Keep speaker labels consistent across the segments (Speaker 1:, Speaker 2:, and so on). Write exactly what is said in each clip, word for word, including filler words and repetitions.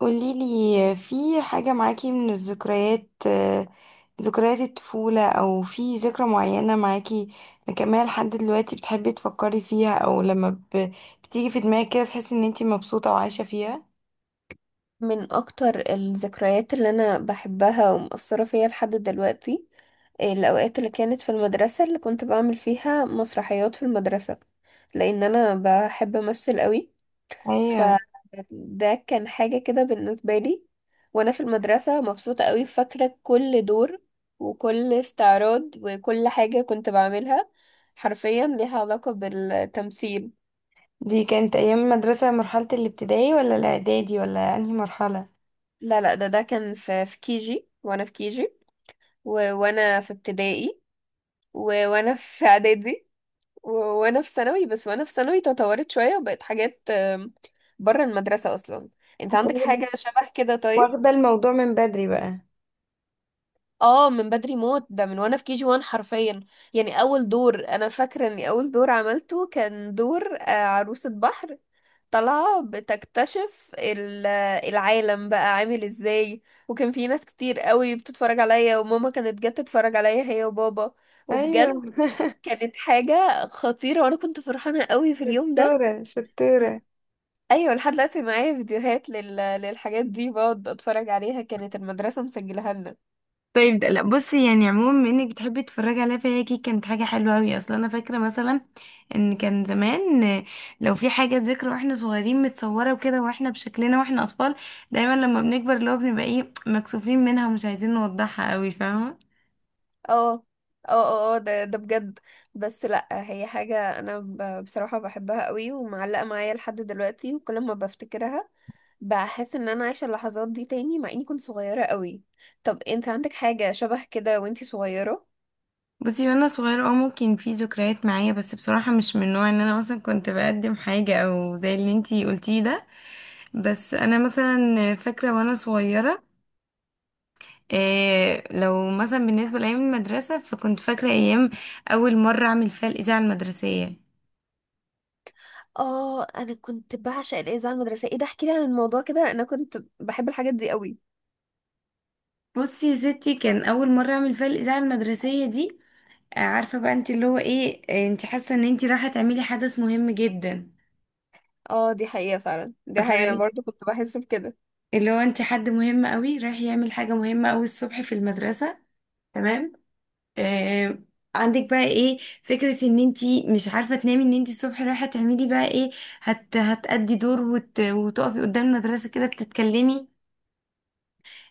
Speaker 1: قوليلي في حاجة معاكي من الذكريات آه، ذكريات الطفولة، أو في ذكرى معينة معاكي مكملة لحد دلوقتي بتحبي تفكري فيها، أو لما ب- بتيجي في دماغك كده تحسي إن انتي مبسوطة وعايشة فيها؟
Speaker 2: من اكتر الذكريات اللي انا بحبها ومؤثرة فيا لحد دلوقتي، الاوقات اللي كانت في المدرسة اللي كنت بعمل فيها مسرحيات في المدرسة، لان انا بحب امثل قوي.
Speaker 1: ايوه،
Speaker 2: فده كان حاجة كده بالنسبة لي وانا في المدرسة، مبسوطة قوي، فاكرة كل دور وكل استعراض وكل حاجة كنت بعملها حرفيا ليها علاقة بالتمثيل.
Speaker 1: دي كانت أيام المدرسة، مرحلة الابتدائي ولا الإعدادي ولا أنهي مرحلة؟
Speaker 2: لا لا، ده ده كان في في كيجي وانا في كيجي و- وانا في ابتدائي و... وانا في اعدادي و... وانا في ثانوي، بس وانا في ثانوي تطورت شوية وبقت حاجات آم، بره المدرسة اصلا. انت عندك
Speaker 1: واخدة،
Speaker 2: حاجة شبه كده؟ طيب.
Speaker 1: واخدة الموضوع من بدري بقى.
Speaker 2: اه، من بدري موت، ده من وانا في كي جي واحد حرفيا. يعني اول دور، انا فاكرة اني اول دور عملته كان دور آه، عروسة بحر طالعة بتكتشف ال- العالم بقى عامل ازاي. وكان في ناس كتير قوي بتتفرج عليا، وماما كانت جت تتفرج عليا هي وبابا، وبجد
Speaker 1: أيوة
Speaker 2: كانت حاجة خطيرة، وانا كنت فرحانة قوي في اليوم ده.
Speaker 1: شطورة شطورة.
Speaker 2: ايوه، لحد دلوقتي معايا فيديوهات لل... للحاجات دي، بقعد اتفرج عليها، كانت المدرسة مسجلها لنا.
Speaker 1: طيب ده- لا بصي، يعني عموما بما انك بتحبي تتفرجي عليها، فهي اكيد كانت حاجه حلوه قوي. اصلا انا فاكره مثلا ان كان زمان آه، لو في حاجه ذكرى واحنا صغيرين متصوره وكده واحنا بشكلنا واحنا اطفال، دايما لما بنكبر اللي هو بنبقى ايه، مكسوفين منها ومش عايزين نوضحها قوي، فاهمه؟
Speaker 2: اه، اه، اه، آه، ده ده بجد. بس لا، هي حاجة انا ب... بصراحة بحبها قوي، ومعلقة معايا لحد دلوقتي، وكل ما بفتكرها بحس ان انا عايشة اللحظات دي تاني، مع اني كنت صغيرة قوي. طب انت عندك حاجة شبه كده وانتي صغيرة؟
Speaker 1: بصي، وانا صغيره اه، ممكن في ذكريات معايا، بس بصراحه مش من نوع ان انا مثلا كنت بقدم حاجه او زي اللي انتي قلتيه ده. بس انا مثلا فاكره وانا صغيره إيه، لو مثلا بالنسبة لأيام المدرسة، فكنت فاكرة أيام أول مرة أعمل فيها الإذاعة المدرسية.
Speaker 2: اه، انا كنت بعشق الاذاعه المدرسيه. ايه ده؟ احكي لي عن الموضوع كده، انا كنت بحب الحاجات دي قوي.
Speaker 1: بصي يا ستي، كان أول مرة أعمل فيها الإذاعة المدرسية دي، آه، عارفة بقى انت اللي هو ايه، آه، انت حاسة ان انت رايحة تعملي حدث مهم جدا.
Speaker 2: اه، دي حقيقه فعلا، دي
Speaker 1: ف-
Speaker 2: حقيقه، انا برضو كنت بحس بكده.
Speaker 1: اللي هو انت حد مهم قوي رايح يعمل حاجة مهمة قوي الصبح في المدرسة، تمام؟ آه، عندك بقى ايه فكرة ان انتي مش عارفة تنامي، ان انتي الصبح رايحة تعملي بقى ايه، هت هتأدي دور، وت... وتقفي قدام المدرسة كده بتتكلمي.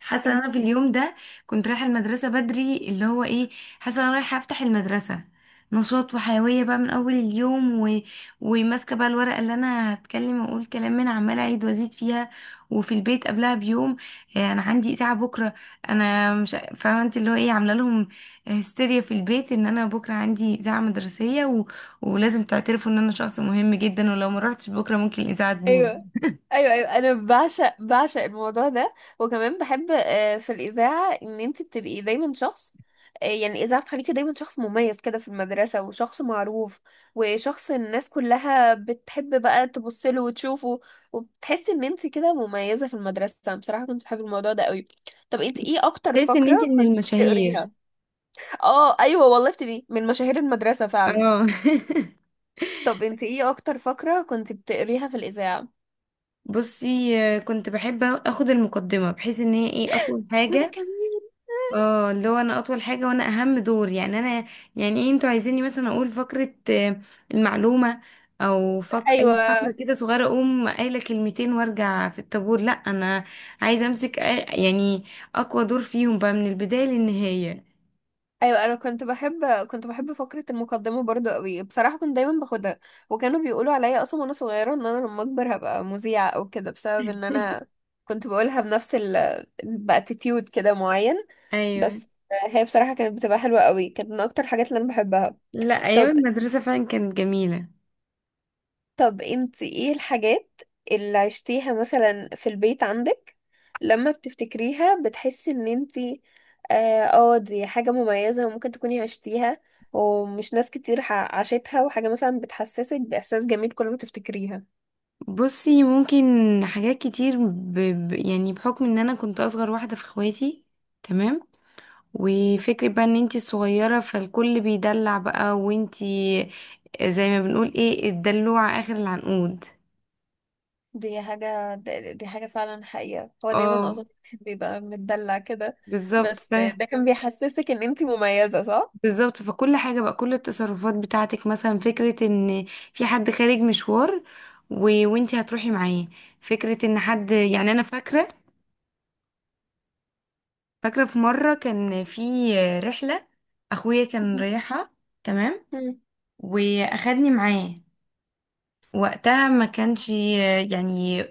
Speaker 1: حاسه ان
Speaker 2: انت
Speaker 1: انا في اليوم ده كنت رايحه المدرسه بدري، اللي هو ايه، حاسه ان انا رايحه افتح المدرسه. نشاط وحيويه بقى من اول اليوم و... وماسكه بقى الورقه اللي انا هتكلم واقول كلام من عماله اعيد وازيد فيها. وفي البيت قبلها بيوم، آه، انا عندي اذاعه بكره. انا مش ع- فاهمه انت اللي هو ايه عامله لهم. هستيريا في البيت ان انا بكره عندي اذاعه مدرسيه و... ولازم تعترفوا ان انا شخص مهم جدا، ولو ما رحتش بكره ممكن الاذاعه تبوظ.
Speaker 2: ايوه، ايوه، ايوه، انا بعشق بعشق الموضوع ده. وكمان بحب، آه، في الاذاعه ان انت بتبقي دايما شخص. آه، يعني الاذاعه بتخليكي دايما شخص مميز كده في المدرسه، وشخص معروف، وشخص الناس كلها بتحب بقى تبص له وتشوفه، وبتحسي ان انت كده مميزه في المدرسه. بصراحه كنت بحب الموضوع ده قوي. طب انت ايه اكتر
Speaker 1: تحس ان
Speaker 2: فقره
Speaker 1: انت من
Speaker 2: كنت
Speaker 1: المشاهير.
Speaker 2: بتقريها؟ اه، ايوه والله بتبقي من مشاهير المدرسه فعلا.
Speaker 1: اه
Speaker 2: طب انت ايه اكتر فقره كنت بتقريها في الاذاعه؟
Speaker 1: بصي، آه، كنت بحب اخد المقدمة بحيث ان هي ايه، اطول
Speaker 2: وانا
Speaker 1: حاجة.
Speaker 2: كمان.
Speaker 1: اه، اللي هو انا اطول حاجة وانا اهم دور. يعني انا، يعني ايه انتوا عايزيني مثلا اقول فقرة آه، المعلومة او فق... اي فقرة
Speaker 2: ايوه،
Speaker 1: كده صغيرة، اقوم قايلة كلمتين وارجع في الطابور؟ لا، انا عايزة امسك آ- يعني اقوى دور فيهم بقى من البداية للنهاية.
Speaker 2: ايوه، انا كنت بحب كنت بحب فقره المقدمه برضو قوي. بصراحه كنت دايما باخدها، وكانوا بيقولوا عليا اصلا وانا صغيره ان انا لما اكبر هبقى مذيعه او كده، بسبب ان انا كنت بقولها بنفس ال باتيتيود كده معين.
Speaker 1: ايوه.
Speaker 2: بس هي بصراحه كانت بتبقى حلوه قوي، كانت من اكتر الحاجات اللي انا بحبها.
Speaker 1: لا
Speaker 2: طب
Speaker 1: ايام المدرسة فعلا كانت جميلة.
Speaker 2: طب انت ايه الحاجات اللي عشتيها مثلا في البيت عندك، لما بتفتكريها بتحسي ان انت اه، آه، دي حاجة مميزة وممكن تكوني عشتيها، ومش ناس كتير ح- عاشتها، وحاجة مثلا بتحسسك بإحساس جميل كل ما تفتكريها؟
Speaker 1: بصي، ممكن حاجات كتير، ب... ب... يعني بحكم ان انا كنت اصغر واحدة في اخواتي، تمام، وفكرة بقى ان انتي الصغيرة فالكل بيدلع بقى، وانتي زي ما بنقول ايه الدلوعة اخر العنقود.
Speaker 2: دي حاجة، دي دي حاجة فعلا حقيقة، هو دايما
Speaker 1: اه
Speaker 2: أظن الواحد بيبقى متدلع كده.
Speaker 1: بالظبط.
Speaker 2: بس
Speaker 1: ف...
Speaker 2: ده كان بيحسسك إن أنتي مميزة، صح؟
Speaker 1: بالظبط، فكل حاجة بقى، كل التصرفات بتاعتك، مثلا فكرة ان في حد خارج مشوار و... وانتي هتروحي معاه. فكرة ان حد، يعني انا فاكرة، فاكرة في مرة كان في رحلة أخويا كان رايحها، تمام،
Speaker 2: مم.
Speaker 1: وأخدني معاه. وقتها ما كانش، يعني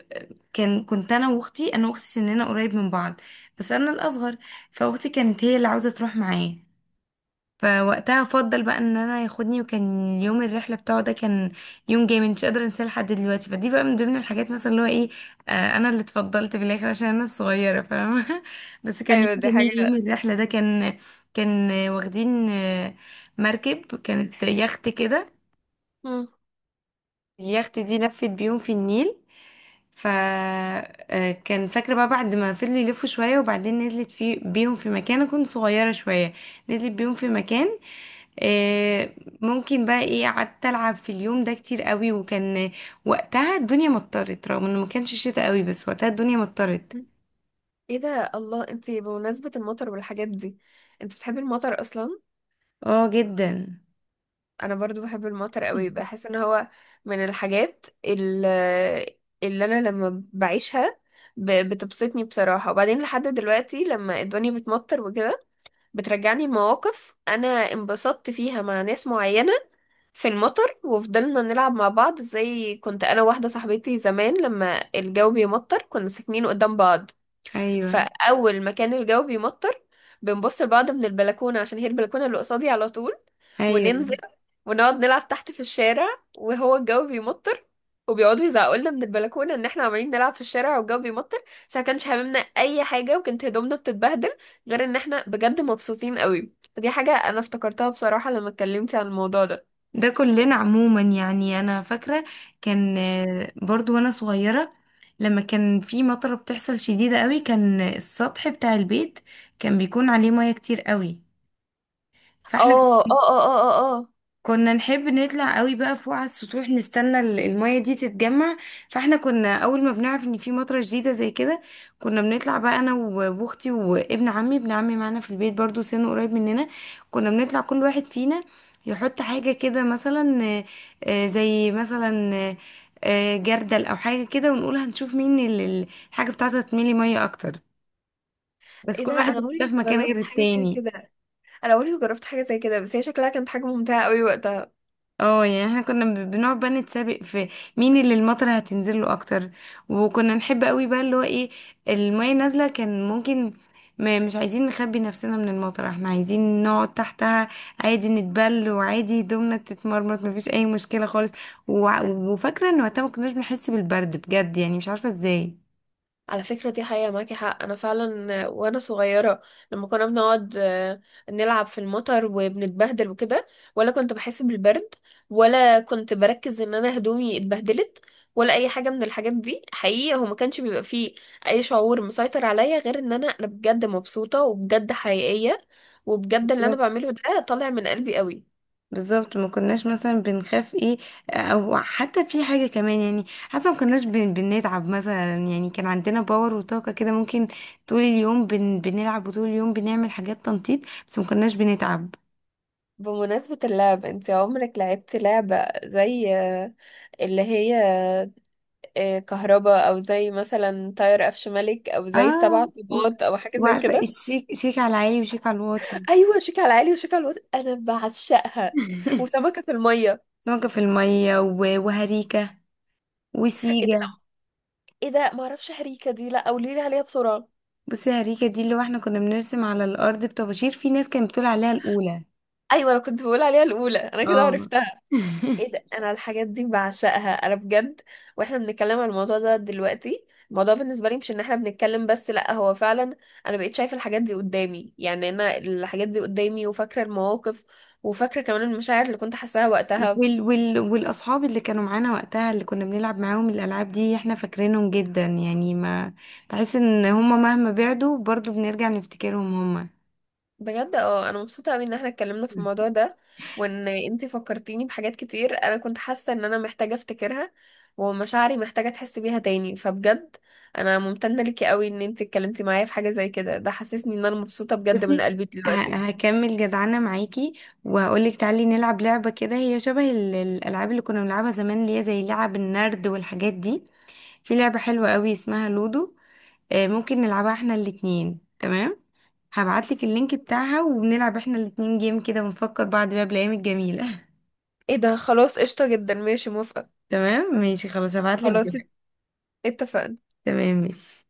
Speaker 1: كان كنت أنا وأختي، أنا وأختي سننا قريب من بعض، بس أنا الأصغر، فأختي كانت هي اللي عاوزة تروح معاه، فوقتها افضل بقى ان انا ياخدني. وكان يوم الرحله بتاعه ده كان يوم جامد، مش قادره انساه لحد دلوقتي. فدي بقى من ضمن الحاجات مثلا اللي هو ايه، آه، انا اللي اتفضلت بالاخر عشان انا الصغيره، فاهمه؟ بس كان يوم
Speaker 2: أيوة، دي
Speaker 1: جميل. يوم
Speaker 2: حاجة.
Speaker 1: الرحله ده كان، كان آه، واخدين آه، مركب، كانت يخت كده. اليخت دي لفت بيهم في النيل. ف آه، كان فاكره بقى، بعد ما فضلوا يلفوا شويه وبعدين نزلت في بيهم في مكان، أنا كنت صغيره شويه، نزلت بيهم في مكان آه، ممكن بقى ايه، قعدت العب في اليوم ده كتير قوي. وكان وقتها الدنيا مطرت، رغم انه ما كانش شتاء قوي، بس وقتها الدنيا مطرت.
Speaker 2: مم. ايه ده؟ الله، انتي بمناسبة المطر والحاجات دي، انت بتحبي المطر اصلا؟
Speaker 1: اه جدا.
Speaker 2: انا برضو بحب المطر قوي، بحس ان هو من الحاجات ال- اللي انا لما بعيشها ب- بتبسطني بصراحة. وبعدين لحد دلوقتي لما الدنيا بتمطر وكده، بترجعني لمواقف انا انبسطت فيها مع ناس معينة في المطر وفضلنا نلعب مع بعض. زي كنت انا واحدة صاحبتي زمان لما الجو بيمطر، كنا ساكنين قدام بعض.
Speaker 1: ايوه،
Speaker 2: فاول ما كان الجو بيمطر، بنبص لبعض من البلكونه، عشان هي البلكونه اللي قصادي على طول،
Speaker 1: ايوه
Speaker 2: وننزل ونقعد نلعب تحت في الشارع وهو الجو بيمطر، وبيقعدوا يزعقوا لنا من البلكونه ان احنا عمالين نلعب في الشارع والجو بيمطر. بس ما كانش هاممنا اي حاجه، وكانت هدومنا بتتبهدل، غير ان احنا بجد مبسوطين قوي. فدي حاجه انا افتكرتها بصراحه لما اتكلمتي عن الموضوع ده.
Speaker 1: ده كلنا عموما. يعني انا فاكره، كان آه، برضو وانا صغيره، لما كان في مطره بتحصل شديده قوي، كان السطح بتاع البيت كان بيكون عليه ميه كتير قوي. فاحنا
Speaker 2: اه، اه، اه، اه، اه، آه.
Speaker 1: كنا نحب نطلع قوي بقى فوق على السطوح، نستنى ال- المية دي تتجمع. فاحنا كنا اول ما بنعرف ان في مطرة جديدة زي كده، كنا بنطلع بقى انا و- واختي وابن عمي. ابن عمي معانا في البيت برضو، سنه قريب مننا. كنا بنطلع كل واحد فينا يحط حاجة كده، مثلا آه، آه، زي مثلا آه، آه، جردل او حاجة كده، ونقول هنشوف مين ال- ال- الحاجة بتاعتها تملي مية اكتر، بس
Speaker 2: ايه
Speaker 1: كل
Speaker 2: ده؟ انا
Speaker 1: واحد بيحطها
Speaker 2: عمري
Speaker 1: في
Speaker 2: ما
Speaker 1: مكان غير
Speaker 2: جربت حاجه زي
Speaker 1: التاني.
Speaker 2: كده. انا عمري ما جربت حاجه زي كده، بس هي شكلها كانت حاجه ممتعه قوي وقتها.
Speaker 1: اه، يعني احنا كنا ب- بنقعد بقى نتسابق في مين اللي المطر هتنزل له اكتر. وكنا نحب قوي بقى اللي هو ايه، المية نازلة، كان ممكن، ما مش عايزين نخبي نفسنا من المطر، احنا عايزين نقعد تحتها، عادي نتبل، وعادي هدومنا تتمرمط، مفيش اي مشكلة خالص. وع- وفاكرة ان وقتها ما كناش بنحس بالبرد بجد، يعني مش عارفة ازاي.
Speaker 2: على فكرة دي حقيقة، معاكي حق. أنا فعلا، آه، وأنا صغيرة لما كنا بنقعد آه، نلعب في المطر وبنتبهدل وكده، ولا كنت بحس بالبرد، ولا كنت بركز إن أنا هدومي اتبهدلت، ولا أي حاجة من الحاجات دي. حقيقة هو ما كانش بيبقى فيه أي شعور مسيطر عليا غير إن أنا أنا بجد مبسوطة، وبجد حقيقية، وبجد اللي أنا بعمله ده طالع من قلبي قوي.
Speaker 1: بالظبط، ما كناش مثلا بنخاف ايه، او حتى في حاجه كمان، يعني حتى ما كناش بن بنتعب مثلا. يعني كان عندنا باور وطاقه كده، ممكن طول اليوم بن بنلعب، وطول اليوم بنعمل حاجات تنطيط، بس ما كناش بنتعب.
Speaker 2: بمناسبة اللعب، انت عمرك لعبتي لعبة زي، آه، اللي هي آه، كهرباء، او زي مثلا تاير قفش ملك، او زي
Speaker 1: اه
Speaker 2: سبع
Speaker 1: و-
Speaker 2: طوبات، او حاجه زي
Speaker 1: وعارفه
Speaker 2: كده؟
Speaker 1: الشيك شيك على العالي وشيك على الواطي؟
Speaker 2: ايوه، شيك على العالي وشيك على الوطي، انا بعشقها. وسمكه في الميه.
Speaker 1: سمكه في الميه و- وهريكه
Speaker 2: ايه ده؟ لا،
Speaker 1: وسيجه.
Speaker 2: ايه ده، ما اعرفش هريكه دي، لا قولي لي عليها بسرعه.
Speaker 1: بصي، هريكه دي اللي هو احنا كنا بنرسم على الارض بطباشير. في ناس كانت بتقول عليها الاولى.
Speaker 2: ايوه، انا كنت بقول عليها الاولى، انا كده
Speaker 1: اه
Speaker 2: عرفتها. ايه ده؟ انا الحاجات دي بعشقها انا بجد. واحنا بنتكلم عن الموضوع ده دلوقتي، الموضوع بالنسبه لي مش ان احنا بنتكلم بس، لا هو فعلا انا بقيت شايفه الحاجات دي قدامي. يعني انا الحاجات دي قدامي، وفاكره المواقف، وفاكره كمان المشاعر اللي كنت حاساها وقتها.
Speaker 1: وال وال والاصحاب اللي كانوا معانا وقتها اللي كنا بنلعب معاهم الالعاب دي، احنا فاكرينهم جدا. يعني ما، بحس ان هما مهما بعدوا برضو بنرجع نفتكرهم هما.
Speaker 2: بجد اه، انا مبسوطه قوي ان احنا اتكلمنا في الموضوع ده، وان انتي فكرتيني بحاجات كتير انا كنت حاسه ان انا محتاجه افتكرها، ومشاعري محتاجه تحس بيها تاني. فبجد انا ممتنه ليكي قوي ان انتي اتكلمتي معايا في حاجه زي كده، ده حسسني ان انا مبسوطه بجد من
Speaker 1: بصي،
Speaker 2: قلبي
Speaker 1: ه-
Speaker 2: دلوقتي.
Speaker 1: هكمل جدعانة معاكي وهقولك تعالي نلعب لعبة كده، هي شبه ال- الألعاب اللي كنا بنلعبها زمان، اللي هي زي لعب النرد والحاجات دي. في لعبة حلوة قوي اسمها لودو، آه، ممكن نلعبها احنا الاتنين، تمام؟ هبعتلك اللينك بتاعها، وبنلعب احنا الاتنين جيم كده، ونفكر بعض بقى بالأيام الجميلة.
Speaker 2: ايه ده؟ خلاص، قشطه جدا، ماشي، موافقه.
Speaker 1: تمام ماشي، خلاص هبعتلك
Speaker 2: خلاص، ات-
Speaker 1: دلوقتي.
Speaker 2: اتفقنا.
Speaker 1: تمام ماشي.